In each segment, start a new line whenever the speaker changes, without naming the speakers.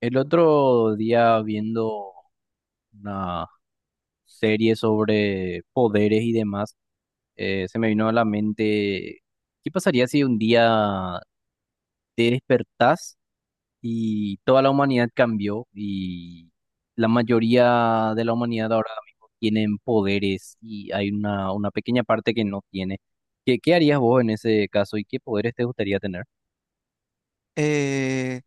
El otro día viendo una serie sobre poderes y demás, se me vino a la mente, ¿qué pasaría si un día te despertás y toda la humanidad cambió y la mayoría de la humanidad ahora mismo tienen poderes y hay una pequeña parte que no tiene? ¿Qué harías vos en ese caso y qué poderes te gustaría tener?
eh,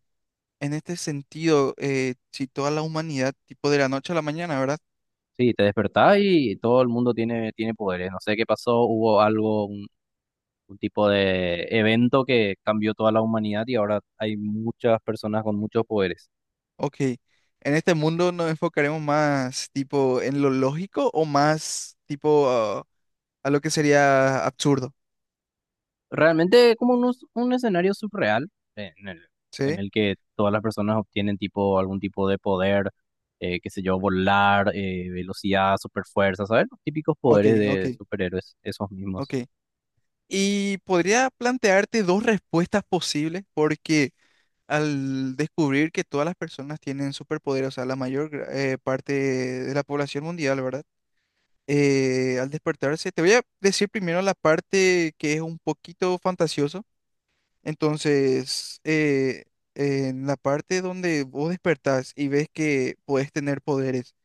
en este sentido, si toda la humanidad, tipo de la noche a la mañana, ¿verdad?
Sí, te despertás y todo el mundo tiene, tiene poderes. No sé qué pasó, hubo algo, un tipo de evento que cambió toda la humanidad y ahora hay muchas personas con muchos poderes.
Ok, en este mundo nos enfocaremos más tipo en lo lógico o más tipo a lo que sería absurdo,
Realmente como un escenario surreal, eh, en el, en
¿sí?
el que todas las personas obtienen tipo algún tipo de poder, qué sé yo, volar, velocidad, superfuerza, ¿sabes? Los típicos
Ok,
poderes de
ok,
superhéroes, esos mismos.
ok. Ok. Y podría plantearte dos respuestas posibles porque al descubrir que todas las personas tienen superpoderes, o sea, la parte de la población mundial, ¿verdad? Al despertarse. Te voy a decir primero la parte que es un poquito fantasioso. Entonces, en la parte donde vos despertás y ves que puedes tener poderes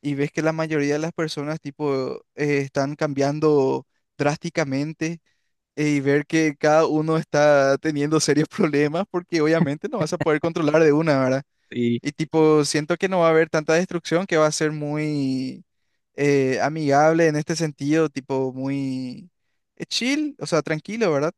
y ves que la mayoría de las personas tipo están cambiando drásticamente y ver que cada uno está teniendo serios problemas porque obviamente no vas a poder controlar de una, ¿verdad?
Y
Y tipo, siento que no va a haber tanta destrucción, que va a ser muy amigable en este sentido, tipo muy chill, o sea, tranquilo, ¿verdad?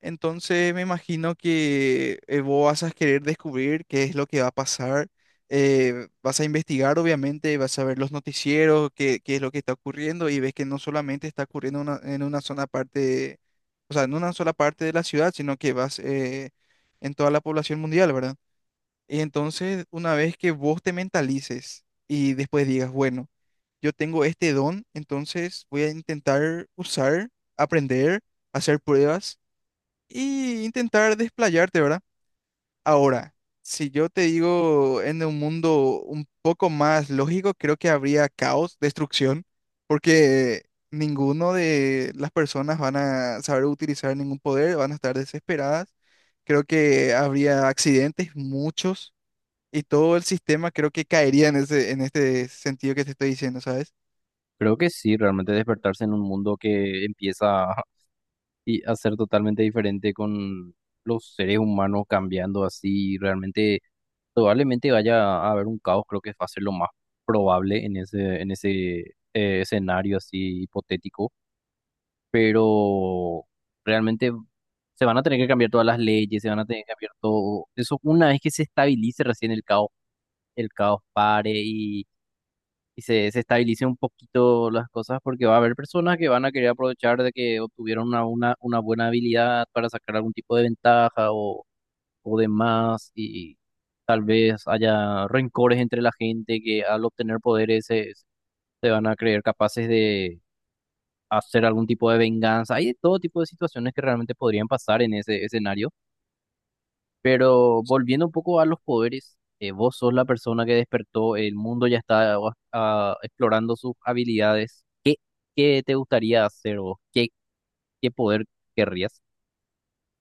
Entonces me imagino que vos vas a querer descubrir qué es lo que va a pasar, vas a investigar, obviamente, vas a ver los noticieros, qué es lo que está ocurriendo y ves que no solamente está ocurriendo en una sola parte, o sea, en una sola parte de la ciudad, sino que vas en toda la población mundial, ¿verdad? Y entonces, una vez que vos te mentalices y después digas, bueno, yo tengo este don, entonces voy a intentar usar, aprender, hacer pruebas y intentar desplayarte, ¿verdad? Ahora, si yo te digo en un mundo un poco más lógico, creo que habría caos, destrucción, porque ninguno de las personas van a saber utilizar ningún poder, van a estar desesperadas. Creo que habría accidentes, muchos. Y todo el sistema creo que caería en en este sentido que te estoy diciendo, ¿sabes?
creo que sí, realmente despertarse en un mundo que empieza y hacer totalmente diferente con los seres humanos cambiando así, realmente probablemente vaya a haber un caos, creo que va a ser lo más probable en ese escenario así hipotético, pero realmente se van a tener que cambiar todas las leyes, se van a tener que cambiar todo, eso una vez que se estabilice recién el caos pare y se estabilice un poquito las cosas porque va a haber personas que van a querer aprovechar de que obtuvieron una buena habilidad para sacar algún tipo de ventaja o demás y tal vez haya rencores entre la gente que al obtener poderes se van a creer capaces de hacer algún tipo de venganza. Hay de todo tipo de situaciones que realmente podrían pasar en ese escenario, pero volviendo un poco a los poderes. Vos sos la persona que despertó, el mundo ya está explorando sus habilidades. ¿Qué te gustaría hacer o qué, ¿qué poder querrías?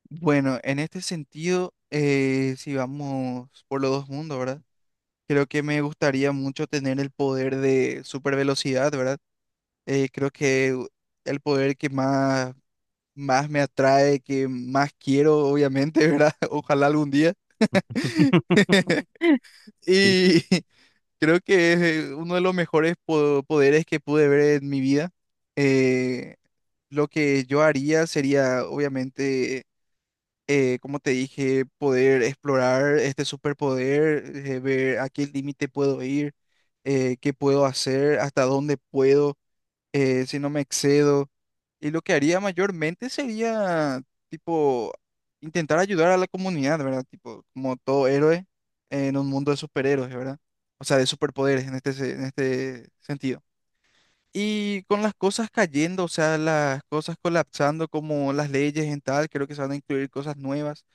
Bueno, en este sentido, si vamos por los dos mundos, ¿verdad? Creo que me gustaría mucho tener el poder de super velocidad, ¿verdad? Creo que el poder que más, más me atrae, que más quiero, obviamente, ¿verdad? Ojalá algún día.
Sí,
Y creo que es uno de los mejores poderes que pude ver en mi vida. Eh, Lo que yo haría sería, obviamente, como te dije, poder explorar este superpoder, ver a qué límite puedo ir, qué puedo hacer, hasta dónde puedo, si no me excedo. Y lo que haría mayormente sería, tipo, intentar ayudar a la comunidad, ¿verdad? Tipo, como todo héroe en un mundo de superhéroes, ¿verdad? O sea, de superpoderes en en este sentido. Y con las cosas cayendo, o sea, las cosas colapsando como las leyes en tal, creo que se van a incluir cosas nuevas.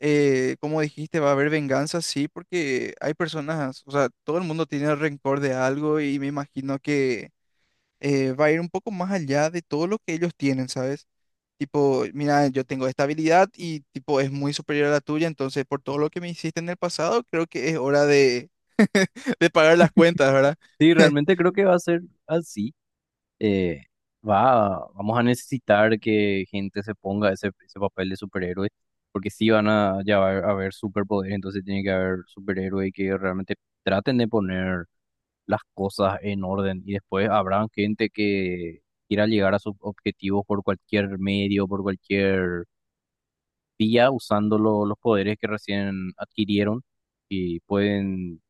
Como dijiste, va a haber venganza, sí, porque hay personas, o sea, todo el mundo tiene rencor de algo y me imagino que va a ir un poco más allá de todo lo que ellos tienen, ¿sabes? Tipo, mira, yo tengo esta habilidad y tipo es muy superior a la tuya, entonces por todo lo que me hiciste en el pasado, creo que es hora de, de pagar las cuentas, ¿verdad?
sí, realmente creo que va a ser así. Eh, vamos a necesitar que gente se ponga ese papel de superhéroe, porque sí van a ya va a haber superpoderes, entonces tiene que haber superhéroes que realmente traten de poner las cosas en orden y después habrá gente que quiera llegar a sus objetivos por cualquier medio, por cualquier vía usando los poderes que recién adquirieron y pueden,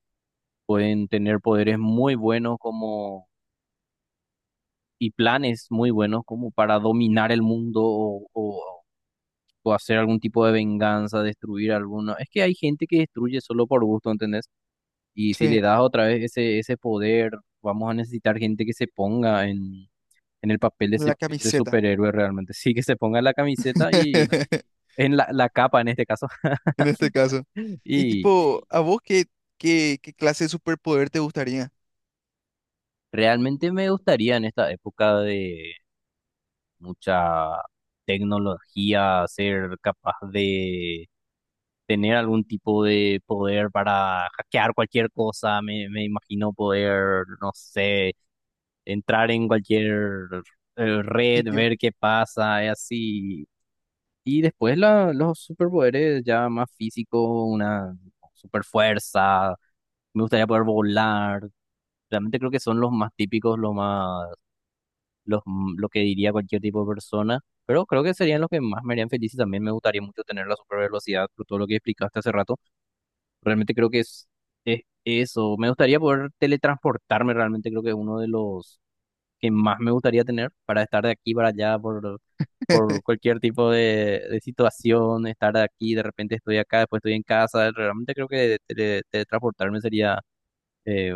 pueden tener poderes muy buenos como y planes muy buenos como para dominar el mundo o hacer algún tipo de venganza, destruir alguno. Es que hay gente que destruye solo por gusto, ¿entendés? Y si le
Sí,
das otra vez ese poder, vamos a necesitar gente que se ponga en el papel de ese,
la sí.
ese
Camiseta.
superhéroe realmente. Sí, que se ponga la camiseta y en la capa en este caso.
En este caso. Y
Y
tipo, ¿a vos qué clase de superpoder te gustaría?
realmente me gustaría en esta época de mucha tecnología ser capaz de tener algún tipo de poder para hackear cualquier cosa. Me imagino poder, no sé, entrar en cualquier
Sí,
red,
tío.
ver qué pasa y así. Y después los superpoderes ya más físicos, una super fuerza. Me gustaría poder volar. Realmente creo que son los más típicos, lo que diría cualquier tipo de persona, pero creo que serían los que más me harían feliz y también me gustaría mucho tener la super velocidad por todo lo que explicaste hace rato. Realmente creo que es eso. Me gustaría poder teletransportarme, realmente creo que es uno de los que más me gustaría tener para estar de aquí para allá por cualquier tipo de situación, estar aquí, de repente estoy acá, después estoy en casa. Realmente creo que teletransportarme sería, eh,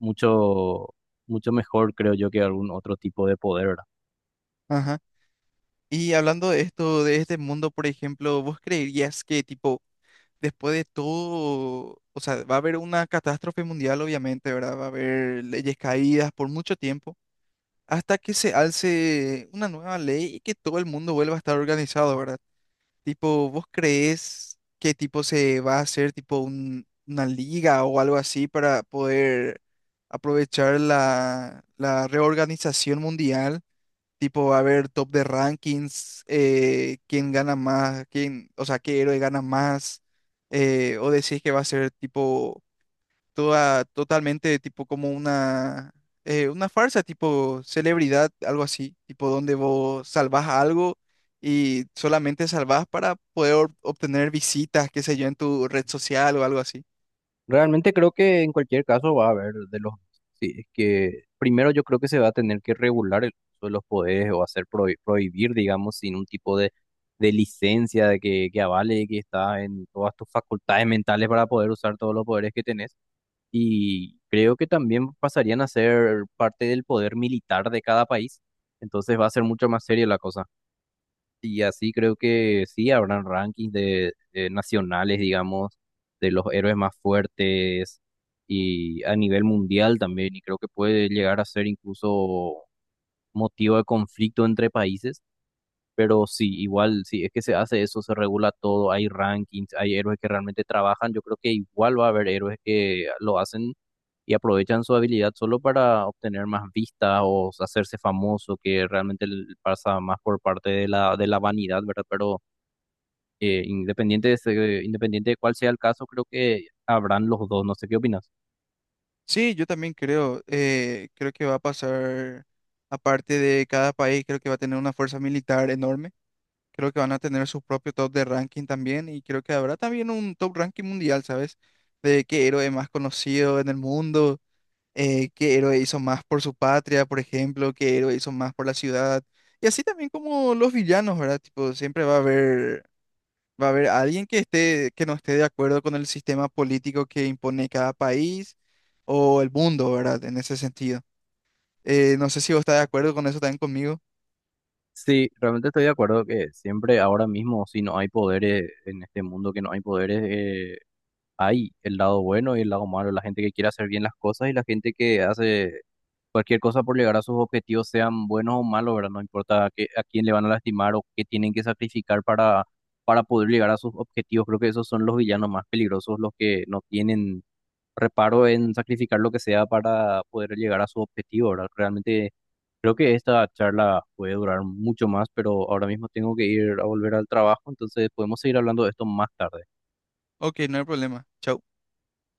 mucho, mucho mejor, creo yo, que algún otro tipo de poder, ¿verdad?
Ajá. Y hablando de esto, de este mundo, por ejemplo, ¿vos creerías que, tipo, después de todo, o sea, va a haber una catástrofe mundial, obviamente, ¿verdad? Va a haber leyes caídas por mucho tiempo. Hasta que se alce una nueva ley y que todo el mundo vuelva a estar organizado, ¿verdad? Tipo, ¿vos creés que tipo se va a hacer tipo una liga o algo así para poder aprovechar la, la reorganización mundial? Tipo, va a haber top de rankings, quién gana más, quién, o sea, qué héroe gana más, o decís que va a ser tipo toda, totalmente tipo como una farsa, tipo celebridad, algo así, tipo donde vos salvás algo y solamente salvás para poder obtener visitas, qué sé yo, en tu red social o algo así.
Realmente creo que en cualquier caso va a haber de los... Sí, es que primero yo creo que se va a tener que regular el uso de los poderes o hacer prohibir, digamos, sin un tipo de licencia de que avale que está en todas tus facultades mentales para poder usar todos los poderes que tenés. Y creo que también pasarían a ser parte del poder militar de cada país. Entonces va a ser mucho más seria la cosa. Y así creo que sí, habrán rankings de nacionales, digamos, de los héroes más fuertes y a nivel mundial también. Y creo que puede llegar a ser incluso motivo de conflicto entre países. Pero sí, igual, sí es que se hace eso, se regula todo, hay rankings, hay héroes que realmente trabajan, yo creo que igual va a haber héroes que lo hacen y aprovechan su habilidad solo para obtener más vistas o hacerse famoso, que realmente pasa más por parte de de la vanidad, ¿verdad? Pero independiente de cuál sea el caso, creo que habrán los dos, no sé qué opinas.
Sí, yo también creo, creo que va a pasar, aparte de cada país, creo que va a tener una fuerza militar enorme. Creo que van a tener su propio top de ranking también y creo que habrá también un top ranking mundial, ¿sabes? De qué héroe más conocido en el mundo. Eh, qué héroe hizo más por su patria, por ejemplo, qué héroe hizo más por la ciudad. Y así también como los villanos, ¿verdad? Tipo, siempre va a haber alguien que esté, que no esté de acuerdo con el sistema político que impone cada país o el mundo, ¿verdad? En ese sentido. No sé si vos estás de acuerdo con eso también conmigo.
Sí, realmente estoy de acuerdo que siempre ahora mismo, si no hay poderes en este mundo, que no hay poderes, hay el lado bueno y el lado malo, la gente que quiere hacer bien las cosas y la gente que hace cualquier cosa por llegar a sus objetivos, sean buenos o malos, ¿verdad? No importa a quién le van a lastimar o qué tienen que sacrificar para poder llegar a sus objetivos. Creo que esos son los villanos más peligrosos, los que no tienen reparo en sacrificar lo que sea para poder llegar a su objetivo, ¿verdad? Realmente creo que esta charla puede durar mucho más, pero ahora mismo tengo que ir a volver al trabajo, entonces podemos seguir hablando de esto más tarde.
Ok, no hay problema. Chau.